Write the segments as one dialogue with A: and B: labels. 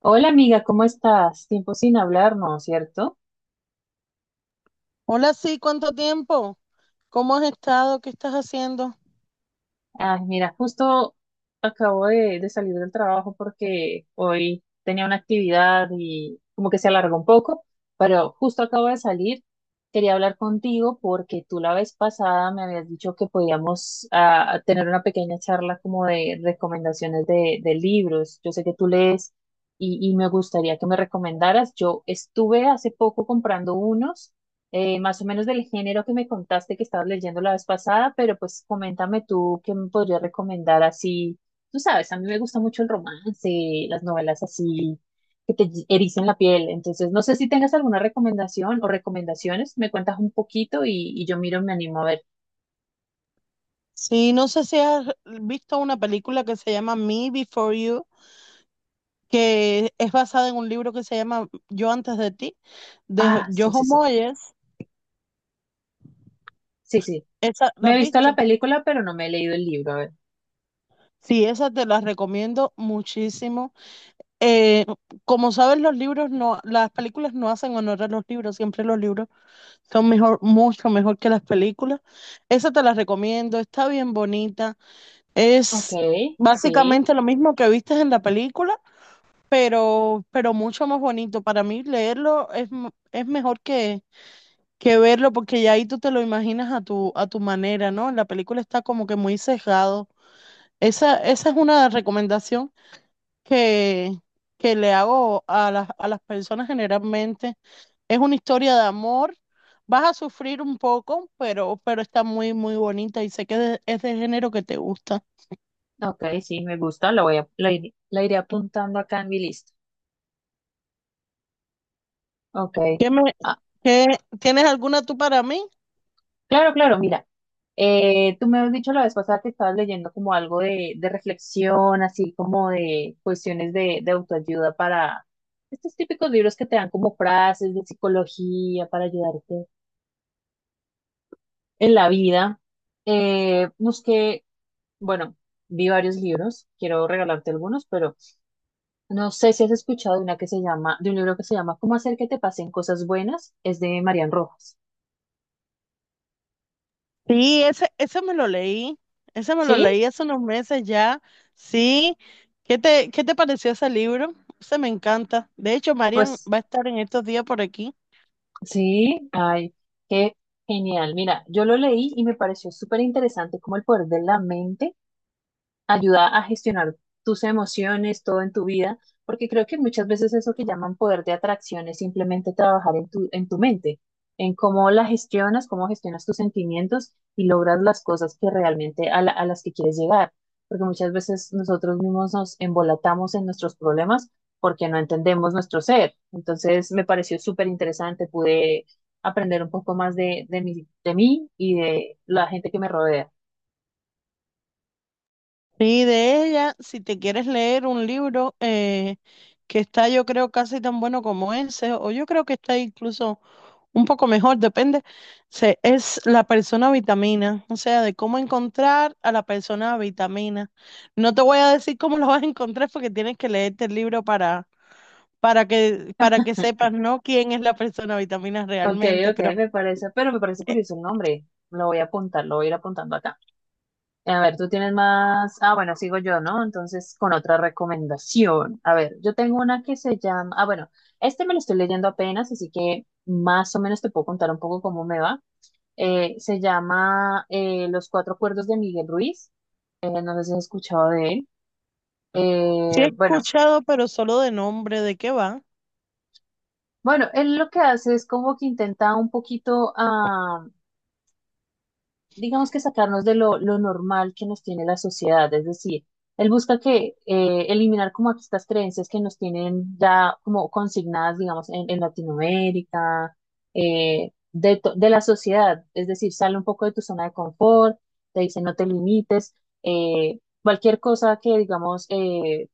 A: Hola amiga, ¿cómo estás? Tiempo sin hablarnos, ¿cierto?
B: Hola, sí, ¿cuánto tiempo? ¿Cómo has estado? ¿Qué estás haciendo?
A: Ay, mira, justo acabo de salir del trabajo porque hoy tenía una actividad y como que se alargó un poco, pero justo acabo de salir. Quería hablar contigo porque tú la vez pasada me habías dicho que podíamos tener una pequeña charla como de recomendaciones de libros. Yo sé que tú lees y me gustaría que me recomendaras. Yo estuve hace poco comprando unos. Más o menos del género que me contaste que estabas leyendo la vez pasada, pero pues coméntame tú qué me podrías recomendar así. Tú sabes, a mí me gusta mucho el romance, las novelas así que te ericen la piel. Entonces, no sé si tengas alguna recomendación o recomendaciones, me cuentas un poquito y yo miro, me animo a ver.
B: Sí, no sé si has visto una película que se llama Me Before You, que es basada en un libro que se llama Yo antes de ti, de
A: Ah, sí, sí,
B: Jojo
A: sí,
B: Moyes.
A: sí, sí.
B: ¿Esa la
A: Me
B: has
A: he visto la
B: visto?
A: película, pero no me he leído el libro. A ver.
B: Sí, esa te la recomiendo muchísimo. Eh, Como sabes, los libros no, las películas no hacen honor a los libros, siempre los libros son mejor, mucho mejor que las películas. Esa te la recomiendo, está bien bonita.
A: Ok,
B: Es
A: sí,
B: básicamente lo mismo que viste en la película, pero mucho más bonito. Para mí leerlo es, es mejor que verlo porque ya ahí tú te lo imaginas a tu manera, ¿no? En la película está como que muy sesgado. Esa es una recomendación que, que le hago a las personas generalmente. Es una historia de amor. Vas a sufrir un poco, pero está muy, muy bonita y sé que es del género que te gusta.
A: ok, sí, me gusta, la iré apuntando acá en mi lista. Ok.
B: ¿Qué me,
A: Ah,
B: ¿Qué- ¿Tienes alguna tú para mí?
A: claro, claro, mira. Tú me has dicho la vez pasada que estabas leyendo como algo de reflexión, así como de cuestiones de autoayuda para estos típicos libros que te dan como frases de psicología para ayudarte en la vida. Busqué, bueno, vi varios libros, quiero regalarte algunos, pero no sé si has escuchado de una que se llama, de un libro que se llama ¿cómo hacer que te pasen cosas buenas? Es de Marian Rojas.
B: Sí, ese me lo leí. Ese me lo
A: ¿Sí?
B: leí hace unos meses ya. Sí. Qué te pareció ese libro? Ese me encanta. De hecho, Marian
A: Pues
B: va a estar en estos días por aquí.
A: sí, ay, qué genial. Mira, yo lo leí y me pareció súper interesante como el poder de la mente ayuda a gestionar tus emociones, todo en tu vida, porque creo que muchas veces eso que llaman poder de atracción es simplemente trabajar en tu mente, en cómo la gestionas, cómo gestionas tus sentimientos y logras las cosas que realmente a las que quieres llegar, porque muchas veces nosotros mismos nos embolatamos en nuestros problemas porque no entendemos nuestro ser. Entonces me pareció súper interesante, pude aprender un poco más de mí y de la gente que me rodea.
B: Sí, de ella, si te quieres leer un libro que está, yo creo, casi tan bueno como ese, o yo creo que está incluso un poco mejor, depende, se, es la persona vitamina, o sea, de cómo encontrar a la persona vitamina. No te voy a decir cómo lo vas a encontrar porque tienes que leerte el libro para que sepas, ¿no? Quién es la persona vitamina
A: Ok,
B: realmente,
A: ok,
B: pero
A: me parece, pero me parece
B: eh,
A: curioso el nombre. Lo voy a apuntar, lo voy a ir apuntando acá. A ver, tú tienes más. Ah, bueno, sigo yo, ¿no? Entonces, con otra recomendación. A ver, yo tengo una que se llama. Ah, bueno, este me lo estoy leyendo apenas, así que más o menos te puedo contar un poco cómo me va. Se llama Los Cuatro Acuerdos de Miguel Ruiz. No sé si has escuchado de él.
B: sí
A: Eh,
B: he
A: bueno,
B: escuchado, pero solo de nombre, ¿de qué va?
A: bueno, él lo que hace es como que intenta un poquito. Digamos que sacarnos de lo normal que nos tiene la sociedad, es decir, él busca que eliminar como estas creencias que nos tienen ya como consignadas, digamos, en Latinoamérica, de la sociedad, es decir, sale un poco de tu zona de confort, te dice no te limites, cualquier cosa que, digamos,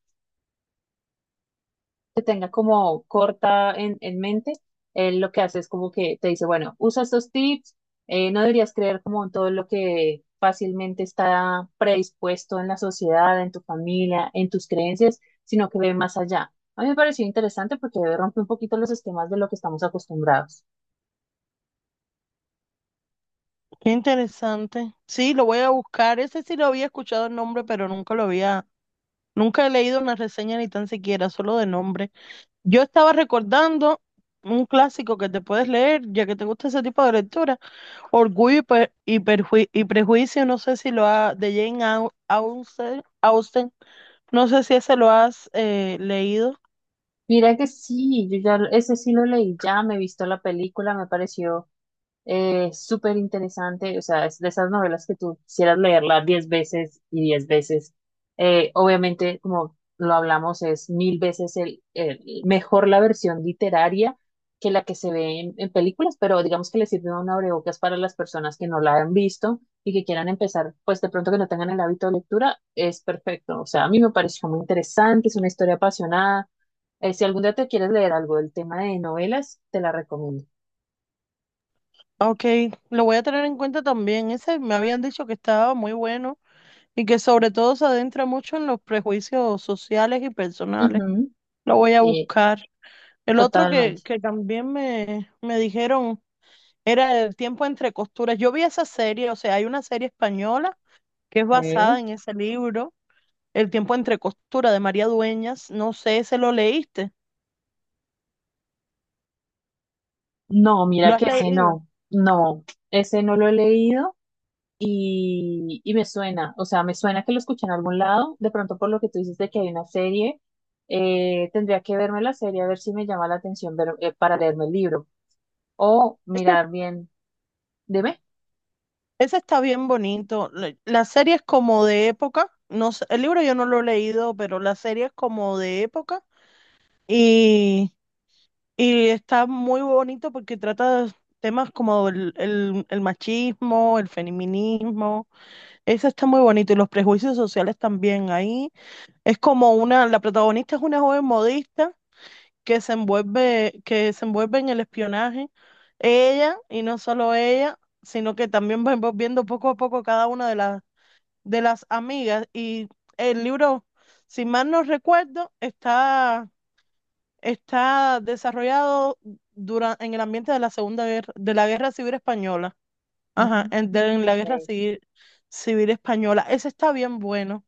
A: que tenga como corta en mente, él lo que hace es como que te dice, bueno, usa estos tips, no deberías creer como en todo lo que fácilmente está predispuesto en la sociedad, en tu familia, en tus creencias, sino que ve más allá. A mí me pareció interesante porque rompe un poquito los esquemas de lo que estamos acostumbrados.
B: Qué interesante. Sí, lo voy a buscar. Ese sí lo había escuchado el nombre, pero nunca lo había, nunca he leído una reseña ni tan siquiera, solo de nombre. Yo estaba recordando un clásico que te puedes leer, ya que te gusta ese tipo de lectura, Orgullo y, Prejuicio, no sé si lo ha, de Jane Austen, Austen, no sé si ese lo has leído.
A: Mira que sí, yo ya ese sí lo leí, ya me he visto la película, me pareció súper interesante, o sea, es de esas novelas que tú quisieras leerla diez veces y diez veces. Obviamente, como lo hablamos, es mil veces mejor la versión literaria que la que se ve en películas, pero digamos que le sirve un abrebocas para las personas que no la han visto y que quieran empezar, pues de pronto que no tengan el hábito de lectura, es perfecto. O sea, a mí me pareció muy interesante, es una historia apasionada. Si algún día te quieres leer algo del tema de novelas, te la recomiendo.
B: Ok, lo voy a tener en cuenta también. Ese me habían dicho que estaba muy bueno y que sobre todo se adentra mucho en los prejuicios sociales y personales.
A: Ujú.
B: Lo voy a
A: Sí,
B: buscar. El otro
A: totalmente.
B: que también me dijeron era el tiempo entre costuras. Yo vi esa serie, o sea, hay una serie española que es basada
A: Sí.
B: en ese libro, El tiempo entre costuras de María Dueñas. No sé, ¿se lo leíste,
A: No,
B: lo
A: mira
B: has
A: que ese
B: leído?
A: no, no, ese no lo he leído y me suena, o sea, me suena que lo escuché en algún lado, de pronto por lo que tú dices de que hay una serie, tendría que verme la serie a ver si me llama la atención para leerme el libro o
B: Ese,
A: mirar bien, dime.
B: ese está bien bonito. La serie es como de época. No sé, el libro yo no lo he leído, pero la serie es como de época y, y está muy bonito porque trata de temas como el machismo, el feminismo. Eso está muy bonito y los prejuicios sociales también ahí. Es como una, la protagonista es una joven modista que se envuelve en el espionaje. Ella, y no solo ella, sino que también va envolviendo poco a poco cada una de las amigas. Y el libro, si mal no recuerdo, está, está desarrollado en el ambiente de la Segunda Guerra, de la Guerra Civil Española. Ajá, en,
A: Ujú.
B: en la Guerra Civil, Civil Española. Ese está bien bueno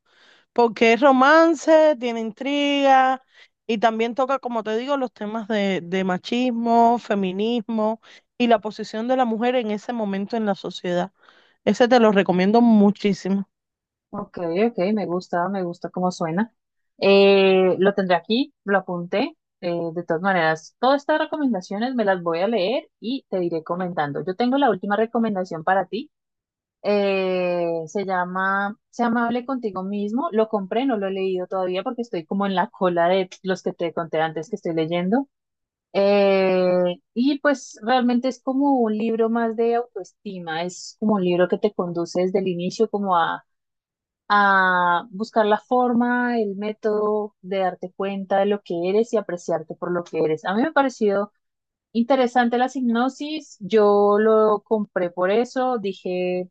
B: porque es romance, tiene intriga y también toca, como te digo, los temas de machismo, feminismo y la posición de la mujer en ese momento en la sociedad. Ese te lo recomiendo muchísimo.
A: Ok, ok, me gusta cómo suena. Lo tendré aquí, lo apunté. De todas maneras, todas estas recomendaciones me las voy a leer y te iré comentando. Yo tengo la última recomendación para ti. Se llama Sé amable contigo mismo. Lo compré, no lo he leído todavía porque estoy como en la cola de los que te conté antes que estoy leyendo. Y pues realmente es como un libro más de autoestima. Es como un libro que te conduce desde el inicio como a buscar la forma, el método de darte cuenta de lo que eres y apreciarte por lo que eres. A mí me pareció interesante la hipnosis, yo lo compré por eso, dije,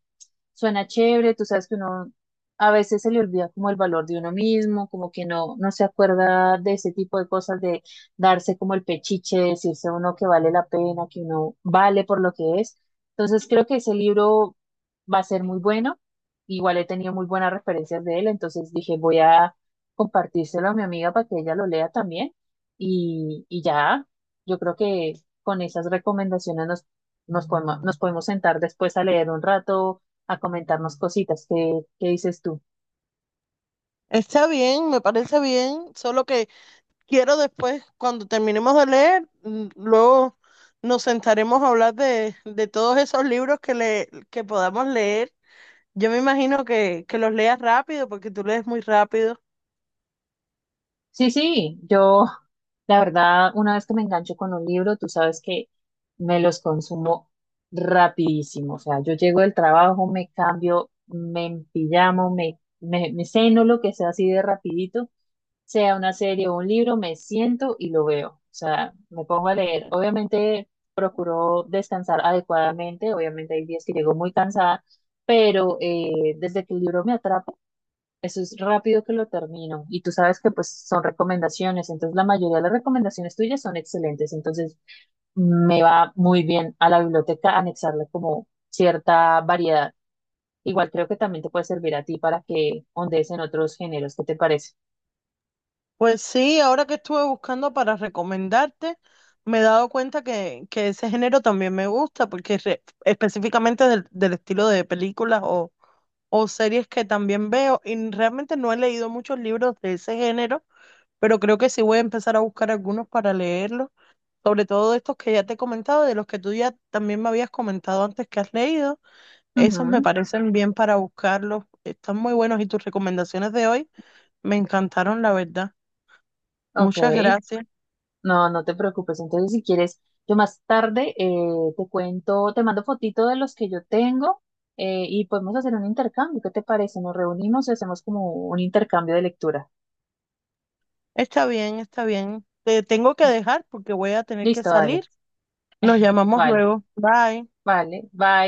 A: suena chévere, tú sabes que uno a veces se le olvida como el valor de uno mismo, como que no, no se acuerda de ese tipo de cosas, de darse como el pechiche, de decirse a uno que vale la pena, que uno vale por lo que es. Entonces creo que ese libro va a ser muy bueno. Igual he tenido muy buenas referencias de él, entonces dije, voy a compartírselo a mi amiga para que ella lo lea también. Y, y ya, yo creo que con esas recomendaciones nos podemos sentar después a leer un rato a comentarnos cositas. ¿Qué, qué dices tú?
B: Está bien, me parece bien, solo que quiero después, cuando terminemos de leer, luego nos sentaremos a hablar de todos esos libros que, le, que podamos leer. Yo me imagino que los leas rápido, porque tú lees muy rápido.
A: Sí, sí, yo, la verdad, una vez que me engancho con un libro, tú sabes que me los consumo rapidísimo. O sea, yo llego del trabajo, me cambio, me empillamo, me ceno lo que sea así de rapidito, sea una serie o un libro, me siento y lo veo. O sea, me pongo a leer. Obviamente procuro descansar adecuadamente, obviamente hay días que llego muy cansada, pero desde que el libro me atrapa, eso es rápido que lo termino. Y tú sabes que pues son recomendaciones. Entonces la mayoría de las recomendaciones tuyas son excelentes. Entonces me va muy bien a la biblioteca anexarle como cierta variedad. Igual creo que también te puede servir a ti para que ondees en otros géneros. ¿Qué te parece?
B: Pues sí, ahora que estuve buscando para recomendarte, me he dado cuenta que ese género también me gusta, porque es específicamente del, del estilo de películas o series que también veo, y realmente no he leído muchos libros de ese género, pero creo que sí voy a empezar a buscar algunos para leerlos, sobre todo de estos que ya te he comentado, de los que tú ya también me habías comentado antes que has leído, esos me
A: Ujú,
B: parecen bien para buscarlos, están muy buenos y tus recomendaciones de hoy me encantaron, la verdad.
A: ok.
B: Muchas gracias.
A: No, no te preocupes. Entonces si quieres, yo más tarde te cuento, te mando fotito de los que yo tengo. Y podemos hacer un intercambio, ¿qué te parece? Nos reunimos y hacemos como un intercambio de lectura.
B: Está bien, está bien. Te tengo que dejar porque voy a tener que
A: Listo, dale.
B: salir. Nos llamamos
A: Vale,
B: luego. Bye.
A: vale. Bye.